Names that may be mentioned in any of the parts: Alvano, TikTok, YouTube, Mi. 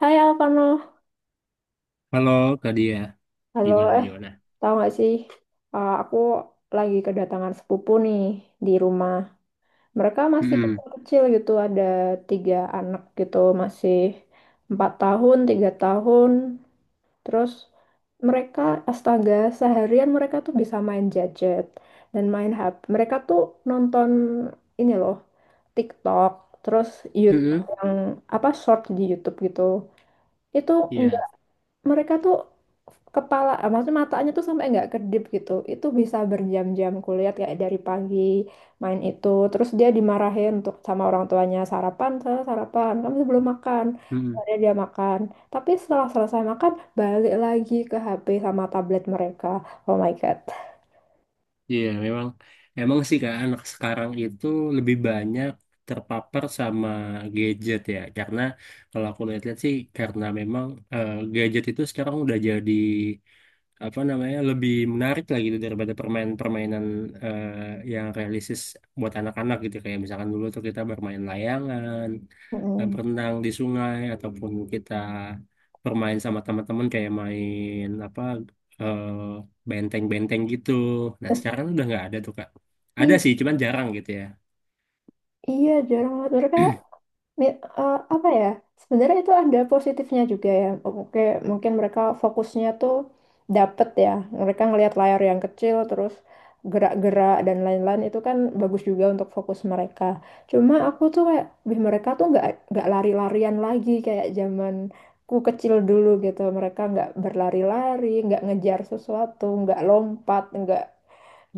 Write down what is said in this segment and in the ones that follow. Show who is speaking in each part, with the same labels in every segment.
Speaker 1: Hai Alvano,
Speaker 2: Halo Kak Dia,
Speaker 1: halo,
Speaker 2: gimana gimana?
Speaker 1: tahu nggak sih, aku lagi kedatangan sepupu nih di rumah. Mereka masih
Speaker 2: Mm-mm.
Speaker 1: kecil-kecil gitu, ada tiga anak gitu, masih 4 tahun, 3 tahun. Terus mereka, astaga, seharian mereka tuh bisa main gadget dan main HP. Mereka tuh nonton, ini loh, TikTok, terus YouTube
Speaker 2: Mm-mm.
Speaker 1: yang apa, short di YouTube gitu. Itu
Speaker 2: Iya.
Speaker 1: mereka tuh maksudnya matanya tuh sampai nggak kedip gitu, itu bisa berjam-jam kulihat, kayak dari pagi main itu terus. Dia dimarahin untuk sama orang tuanya, sarapan, saya sarapan, kamu belum makan.
Speaker 2: Mm-mm.
Speaker 1: Akhirnya dia makan, tapi setelah selesai makan balik lagi ke HP sama tablet mereka. Oh my god.
Speaker 2: Iya memang, emang sih Kak anak sekarang itu lebih banyak terpapar sama gadget ya. Karena kalau aku lihat-lihat sih karena memang gadget itu sekarang udah jadi apa namanya lebih menarik lah gitu daripada permainan-permainan eh, yang realistis buat anak-anak gitu kayak misalkan dulu tuh kita bermain layangan,
Speaker 1: Mm-mm.
Speaker 2: berenang di sungai ataupun kita bermain sama teman-teman kayak main apa, eh, benteng-benteng gitu. Nah sekarang udah nggak ada tuh Kak. Ada
Speaker 1: I-
Speaker 2: sih cuman jarang gitu ya.
Speaker 1: iya, jarang banget mereka. Apa ya, sebenarnya itu ada positifnya juga ya. Oke, mungkin mereka fokusnya tuh dapet ya, mereka ngelihat layar yang kecil terus gerak-gerak dan lain-lain, itu kan bagus juga untuk fokus mereka. Cuma aku tuh kayak, "Wih, mereka tuh nggak lari-larian lagi kayak zamanku kecil dulu, gitu, mereka nggak berlari-lari, nggak ngejar sesuatu, nggak lompat, nggak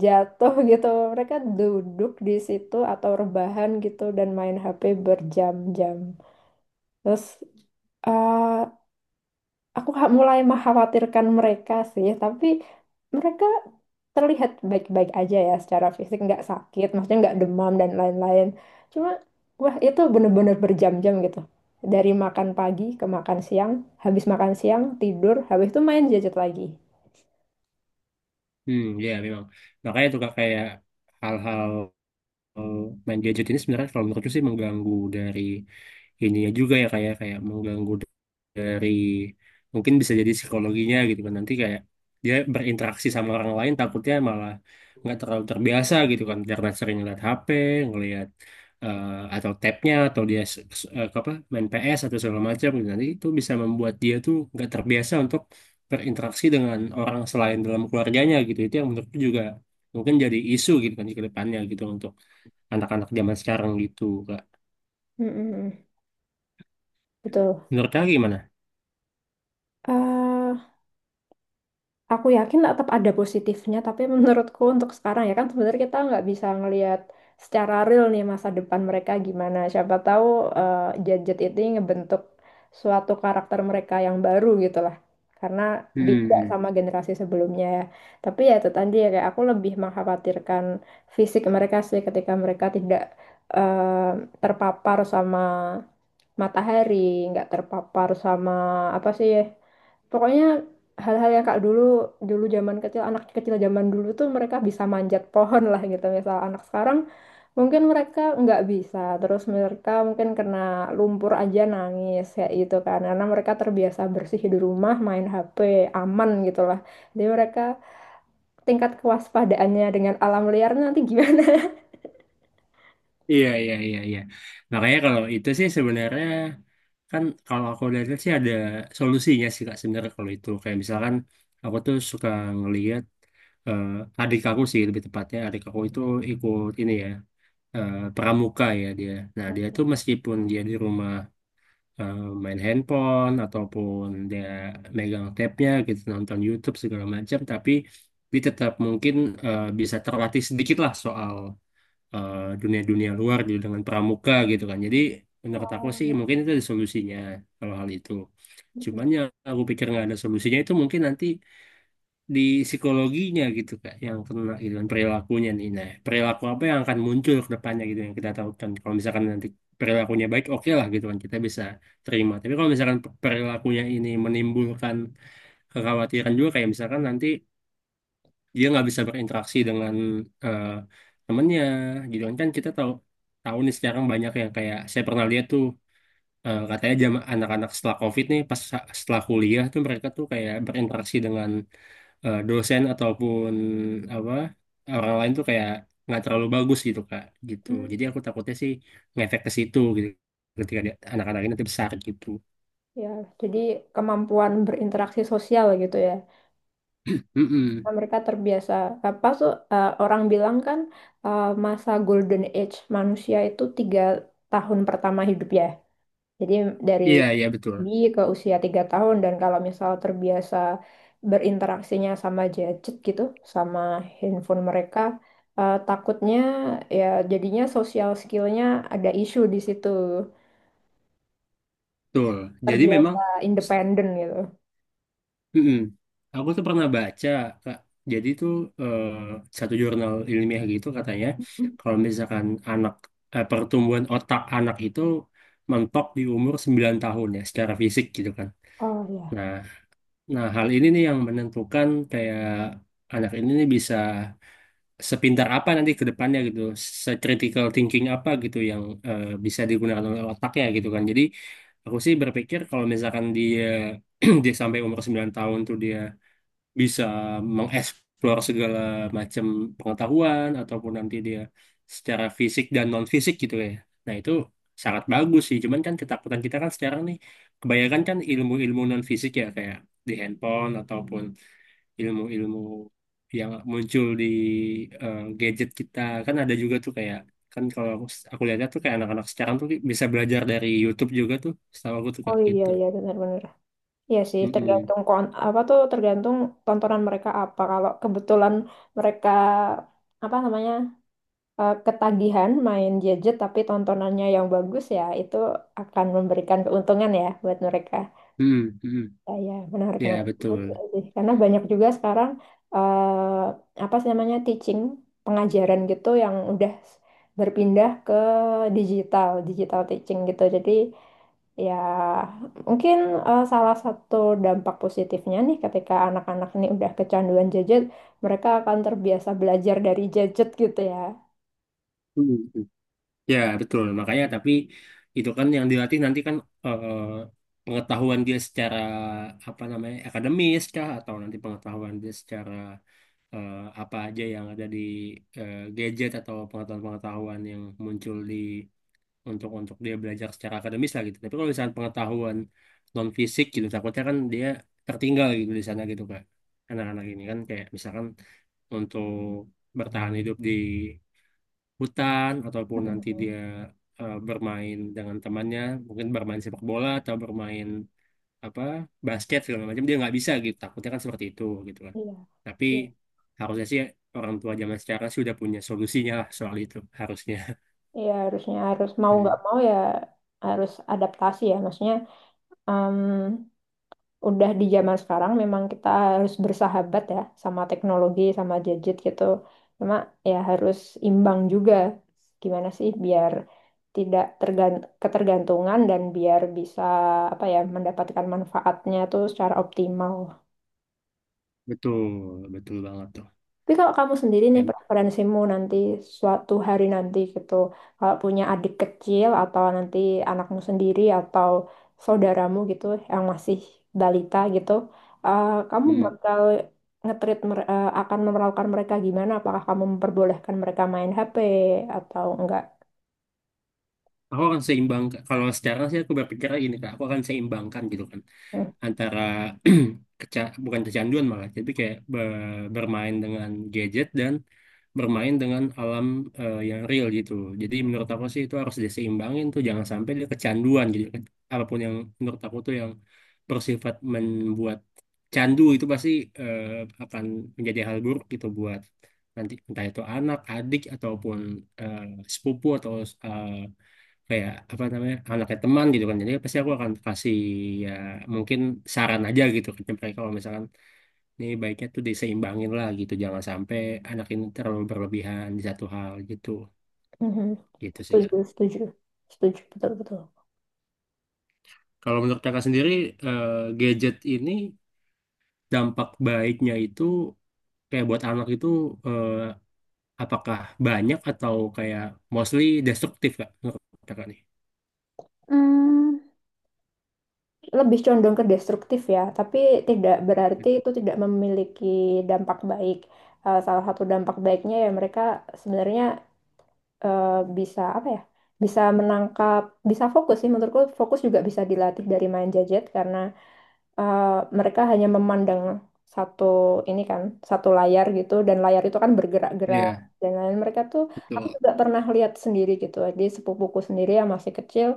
Speaker 1: jatuh gitu." Mereka duduk di situ atau rebahan gitu dan main HP berjam-jam. Terus eh, aku mulai mengkhawatirkan mereka sih, tapi mereka terlihat baik-baik aja ya secara fisik, nggak sakit, maksudnya nggak demam dan lain-lain. Cuma, wah, itu bener-bener berjam-jam gitu. Dari makan pagi ke makan siang, habis makan siang tidur, habis itu main gadget lagi.
Speaker 2: Hmm, ya memang. Makanya tuh Kak, kayak hal-hal, eh, main gadget ini sebenarnya kalau menurutku sih mengganggu dari ininya juga ya, kayak kayak mengganggu dari mungkin bisa jadi psikologinya gitu kan, nanti kayak dia berinteraksi sama orang lain takutnya malah nggak terlalu terbiasa gitu kan karena sering ngeliat HP, ngeliat, eh, atau tabnya atau dia apa main PS atau segala macam gitu. Nanti itu bisa membuat dia tuh nggak terbiasa untuk berinteraksi dengan orang selain dalam keluarganya gitu, itu yang menurutku juga mungkin jadi isu gitu kan di kedepannya gitu untuk anak-anak zaman sekarang gitu kak.
Speaker 1: Mm-mm. Betul.
Speaker 2: Menurut kak gimana?
Speaker 1: Eh, aku yakin tetap ada positifnya, tapi menurutku untuk sekarang ya kan, sebenarnya kita nggak bisa ngelihat secara real nih masa depan mereka gimana. Siapa tahu eh, gadget ini ngebentuk suatu karakter mereka yang baru gitu lah. Karena beda
Speaker 2: Hmm.
Speaker 1: sama generasi sebelumnya ya. Tapi ya itu tadi ya, kayak aku lebih mengkhawatirkan fisik mereka sih ketika mereka tidak eh, terpapar sama matahari, nggak terpapar sama apa sih ya. Pokoknya hal-hal yang kak dulu, dulu zaman kecil, anak kecil zaman dulu tuh mereka bisa manjat pohon lah gitu misal. Anak sekarang mungkin mereka nggak bisa, terus mereka mungkin kena lumpur aja nangis ya gitu kan, karena mereka terbiasa bersih di rumah main HP aman gitu lah. Jadi mereka, tingkat kewaspadaannya dengan alam liarnya nanti gimana.
Speaker 2: Iya, iya, iya, iya. Makanya kalau itu sih sebenarnya, kan kalau aku lihat sih ada solusinya sih Kak sebenarnya kalau itu. Kayak misalkan aku tuh suka ngelihat, eh, adik aku sih lebih tepatnya, adik aku itu ikut ini ya, pramuka ya dia. Nah dia tuh
Speaker 1: Oke.
Speaker 2: meskipun dia di rumah eh, main handphone ataupun dia megang tabnya gitu nonton YouTube segala macam, tapi dia tetap mungkin bisa terlatih sedikit lah soal dunia-dunia luar gitu dengan pramuka gitu kan. Jadi menurut aku
Speaker 1: Oh,
Speaker 2: sih
Speaker 1: bagus.
Speaker 2: mungkin itu ada solusinya kalau hal itu. Cuman yang aku pikir nggak ada solusinya itu mungkin nanti di psikologinya gitu kak yang kena gitu kan, perilakunya nih. Nah perilaku apa yang akan muncul ke depannya gitu yang kita tahu kan, kalau misalkan nanti perilakunya baik oke lah gitu kan kita bisa terima. Tapi kalau misalkan perilakunya ini menimbulkan kekhawatiran juga, kayak misalkan nanti dia nggak bisa berinteraksi dengan eh, temennya gitu kan. Kan kita tahu tahu nih sekarang banyak yang kayak saya pernah lihat tuh, katanya jam anak-anak setelah COVID nih pas setelah kuliah tuh mereka tuh kayak berinteraksi dengan dosen ataupun apa orang lain tuh kayak nggak terlalu bagus gitu Kak, gitu jadi aku takutnya sih ngefek ke situ gitu ketika anak-anak ini nanti besar gitu.
Speaker 1: Ya, jadi kemampuan berinteraksi sosial gitu ya.
Speaker 2: Mm-mm.
Speaker 1: Nah, mereka terbiasa apa tuh, orang bilang kan masa golden age manusia itu 3 tahun pertama hidup ya. Jadi dari
Speaker 2: Iya, iya betul.
Speaker 1: bayi ke usia 3 tahun, dan kalau misal terbiasa berinteraksinya sama gadget gitu, sama handphone mereka, takutnya ya jadinya sosial skillnya ada isu di situ.
Speaker 2: Betul, jadi memang.
Speaker 1: Terbiasa independen gitu.
Speaker 2: Mm-mm. Aku tuh pernah baca, Kak. Jadi tuh eh, satu jurnal ilmiah gitu katanya kalau misalkan anak, pertumbuhan otak anak itu mentok di umur 9 tahun ya, secara fisik gitu kan.
Speaker 1: Oh ya.
Speaker 2: Nah, nah hal ini nih yang menentukan kayak anak ini nih bisa sepintar apa nanti ke depannya gitu, se-critical thinking apa gitu yang bisa digunakan oleh otaknya gitu kan. Jadi aku sih berpikir kalau misalkan dia dia sampai umur 9 tahun tuh dia bisa mengeksplor segala macam pengetahuan ataupun nanti dia secara fisik dan non fisik gitu ya. Nah itu sangat bagus sih. Cuman kan ketakutan kita kan sekarang nih kebanyakan kan ilmu-ilmu non fisik ya kayak di handphone ataupun ilmu-ilmu yang muncul di gadget kita, kan ada juga tuh kayak kan kalau aku lihatnya tuh kayak anak-anak sekarang tuh bisa belajar dari YouTube juga tuh, setahu aku tuh
Speaker 1: Oh,
Speaker 2: kayak
Speaker 1: iya,
Speaker 2: gitu.
Speaker 1: iya, benar-benar. Iya sih,
Speaker 2: Mm-mm.
Speaker 1: tergantung apa tuh, tergantung tontonan mereka apa. Kalau kebetulan mereka apa namanya ketagihan main gadget tapi tontonannya yang bagus, ya itu akan memberikan keuntungan ya buat mereka.
Speaker 2: Mm-mm. Mm-mm.
Speaker 1: Ah, ya, menarik,
Speaker 2: Ya
Speaker 1: menarik. Betul
Speaker 2: betul.
Speaker 1: sih. Karena banyak juga sekarang apa sih namanya, teaching, pengajaran gitu, yang udah berpindah ke digital, digital teaching gitu. Jadi ya mungkin salah satu dampak positifnya nih, ketika anak-anak ini udah kecanduan gadget, mereka akan terbiasa belajar dari gadget gitu ya.
Speaker 2: Mm-mm. Ya, betul. Makanya tapi itu kan yang dilatih nanti kan eh, pengetahuan dia secara apa namanya, akademis kah atau nanti pengetahuan dia secara eh, apa aja yang ada di gadget, atau pengetahuan-pengetahuan yang muncul di untuk dia belajar secara akademis lah gitu. Tapi kalau misalnya pengetahuan non fisik gitu takutnya kan dia tertinggal gitu di sana gitu Kak. Anak-anak ini kan kayak misalkan untuk bertahan hidup di hutan ataupun nanti dia
Speaker 1: Mhm.
Speaker 2: bermain dengan temannya mungkin bermain sepak bola atau bermain apa, basket segala macam, dia nggak bisa gitu, takutnya kan seperti itu gitu kan,
Speaker 1: Iya.
Speaker 2: tapi
Speaker 1: Iya,
Speaker 2: harusnya sih orang tua zaman sekarang sudah punya solusinya lah soal itu harusnya.
Speaker 1: iya, harusnya, harus mau nggak
Speaker 2: Hmm,
Speaker 1: mau ya, harus adaptasi ya. Maksudnya, mmm, udah di zaman sekarang memang kita harus bersahabat ya sama teknologi, sama gadget gitu. Cuma ya harus imbang juga. Gimana sih biar tidak ketergantungan, dan biar bisa apa ya, mendapatkan manfaatnya tuh secara optimal.
Speaker 2: betul, betul banget tuh.
Speaker 1: Tapi kalau kamu sendiri nih,
Speaker 2: Em-
Speaker 1: preferensimu nanti suatu hari nanti gitu, kalau punya adik kecil atau nanti anakmu sendiri atau saudaramu gitu yang masih balita gitu, kamu
Speaker 2: hmm.
Speaker 1: bakal akan memperlakukan mereka gimana? Apakah kamu memperbolehkan mereka main HP atau enggak?
Speaker 2: Aku akan seimbang, kalau sekarang sih aku berpikirnya gini kak, aku akan seimbangkan gitu kan,
Speaker 1: Hmm.
Speaker 2: antara bukan kecanduan malah, tapi kayak bermain dengan gadget dan bermain dengan alam yang real gitu. Jadi menurut aku sih itu harus diseimbangin tuh, jangan sampai dia kecanduan. Jadi apapun yang menurut aku tuh yang bersifat membuat candu itu pasti eh, akan menjadi hal buruk gitu buat nanti entah itu anak, adik ataupun eh, sepupu atau eh, kayak apa namanya anaknya teman gitu kan, jadi pasti aku akan kasih ya mungkin saran aja gitu ke mereka kalau misalkan ini baiknya tuh diseimbangin lah gitu, jangan sampai anak ini terlalu berlebihan di satu hal gitu,
Speaker 1: Mhm.
Speaker 2: gitu sih Kak.
Speaker 1: Setuju, setuju, setuju, betul-betul.
Speaker 2: Kalau menurut kakak sendiri eh, gadget ini dampak baiknya itu kayak buat anak itu eh, apakah banyak atau kayak mostly destruktif kak, menurut kakak nih?
Speaker 1: Hmm, lebih condong ke destruktif ya, tapi tidak berarti itu tidak memiliki dampak baik. Salah satu dampak baiknya ya, mereka sebenarnya eh, bisa apa ya? Bisa menangkap, bisa fokus sih menurutku, fokus juga bisa dilatih dari main jajet, karena eh, mereka hanya memandang satu, ini kan satu layar gitu, dan layar itu kan bergerak-gerak
Speaker 2: Iya
Speaker 1: dan lain, mereka tuh. Aku
Speaker 2: betul.
Speaker 1: juga pernah lihat sendiri gitu di sepupuku sendiri yang masih kecil,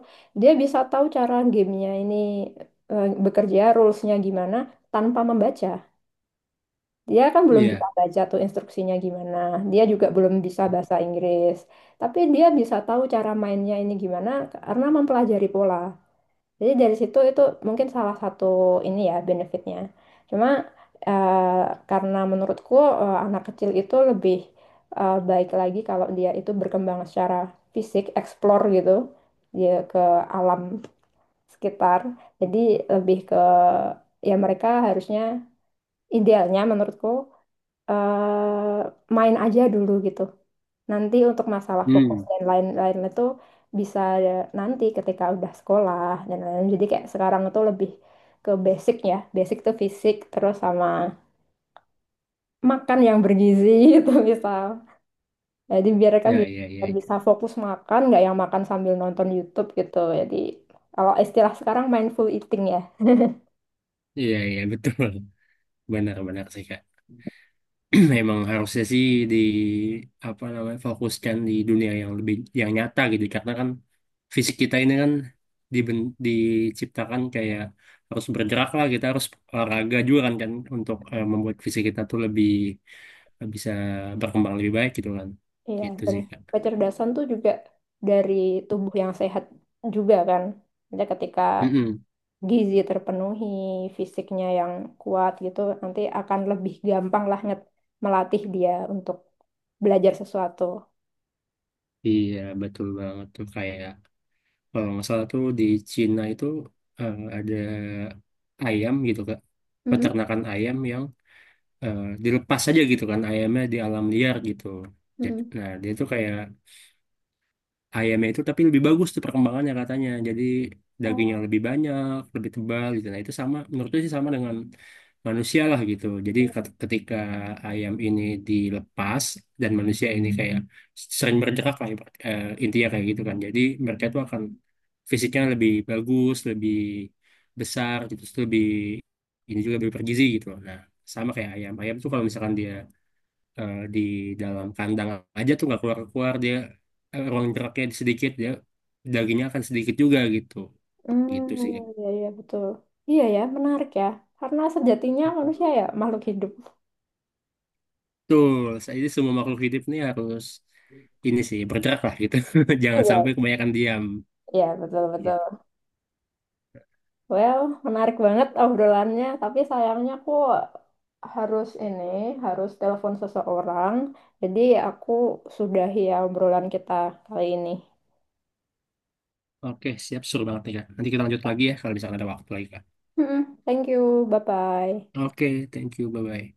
Speaker 1: dia bisa tahu cara gamenya ini bekerja, rulesnya gimana, tanpa membaca. Dia kan belum bisa
Speaker 2: Iya.
Speaker 1: baca tuh instruksinya gimana, dia juga belum bisa bahasa Inggris, tapi dia bisa tahu cara mainnya ini gimana karena mempelajari pola. Jadi dari situ itu mungkin salah satu ini ya benefitnya. Cuma karena menurutku anak kecil itu lebih baik lagi kalau dia itu berkembang secara fisik, explore gitu, dia ke alam sekitar. Jadi lebih ke, ya mereka harusnya, idealnya menurutku eh, main aja dulu gitu. Nanti untuk masalah fokus
Speaker 2: Hmm.
Speaker 1: dan lain-lain itu bisa nanti ketika udah sekolah dan lain-lain. Jadi kayak sekarang itu lebih ke basic ya. Basic tuh fisik, terus sama makan yang bergizi gitu misal. Jadi biar kan
Speaker 2: Ya,
Speaker 1: bisa,
Speaker 2: ya, ya,
Speaker 1: biar bisa
Speaker 2: ya,
Speaker 1: fokus makan, nggak yang makan sambil nonton YouTube gitu. Jadi kalau istilah sekarang mindful eating ya.
Speaker 2: ya betul. Benar-benar sih Kak. Memang harusnya sih di apa namanya fokuskan di dunia yang lebih yang nyata gitu, karena kan fisik kita ini kan diciptakan kayak harus bergerak lah, kita harus olahraga juga kan, kan untuk membuat fisik kita tuh lebih bisa berkembang lebih baik gitu kan.
Speaker 1: Iya,
Speaker 2: Gitu
Speaker 1: dan
Speaker 2: sih Kak.
Speaker 1: kecerdasan tuh juga dari tubuh yang sehat juga kan. Jadi ketika
Speaker 2: Mm-mm.
Speaker 1: gizi terpenuhi, fisiknya yang kuat gitu, nanti akan lebih gampang lah melatih dia untuk belajar sesuatu.
Speaker 2: Iya betul banget tuh kayak kalau nggak salah tuh di Cina itu ada ayam gitu Kak.
Speaker 1: Mm-mm.
Speaker 2: Peternakan ayam yang dilepas aja gitu kan ayamnya di alam liar gitu. Ja-
Speaker 1: Mm-mm.
Speaker 2: Nah, dia tuh kayak ayamnya itu tapi lebih bagus tuh perkembangannya katanya. Jadi dagingnya lebih
Speaker 1: Oh,
Speaker 2: banyak, lebih tebal gitu. Nah, itu sama menurutku sih sama dengan manusia lah gitu. Jadi ketika ayam ini dilepas dan manusia ini kayak sering bergerak lah, intinya kayak gitu kan. Jadi mereka itu akan fisiknya lebih bagus, lebih besar gitu, terus lebih ini juga lebih bergizi gitu loh. Nah, sama kayak ayam. Ayam tuh kalau misalkan dia di dalam kandang aja tuh nggak keluar-keluar, dia ruang geraknya sedikit, dia dagingnya akan sedikit juga gitu, gitu
Speaker 1: mm,
Speaker 2: sih Kak.
Speaker 1: iya, iya, betul. Iya ya, menarik ya. Karena sejatinya manusia ya makhluk hidup.
Speaker 2: Betul, saya ini semua makhluk hidup nih harus ini sih bergerak lah gitu. Jangan sampai
Speaker 1: Iya,
Speaker 2: kebanyakan diam
Speaker 1: iya, betul, betul.
Speaker 2: gitu.
Speaker 1: Well, menarik banget obrolannya, tapi sayangnya aku harus ini, harus telepon seseorang. Jadi aku sudahi ya obrolan kita kali ini.
Speaker 2: Oke, siap suruh banget nih Kak. Nanti kita lanjut lagi ya kalau misalkan ada waktu lagi Kak.
Speaker 1: Mm-mm. Thank you, bye-bye.
Speaker 2: Oke, thank you, bye-bye.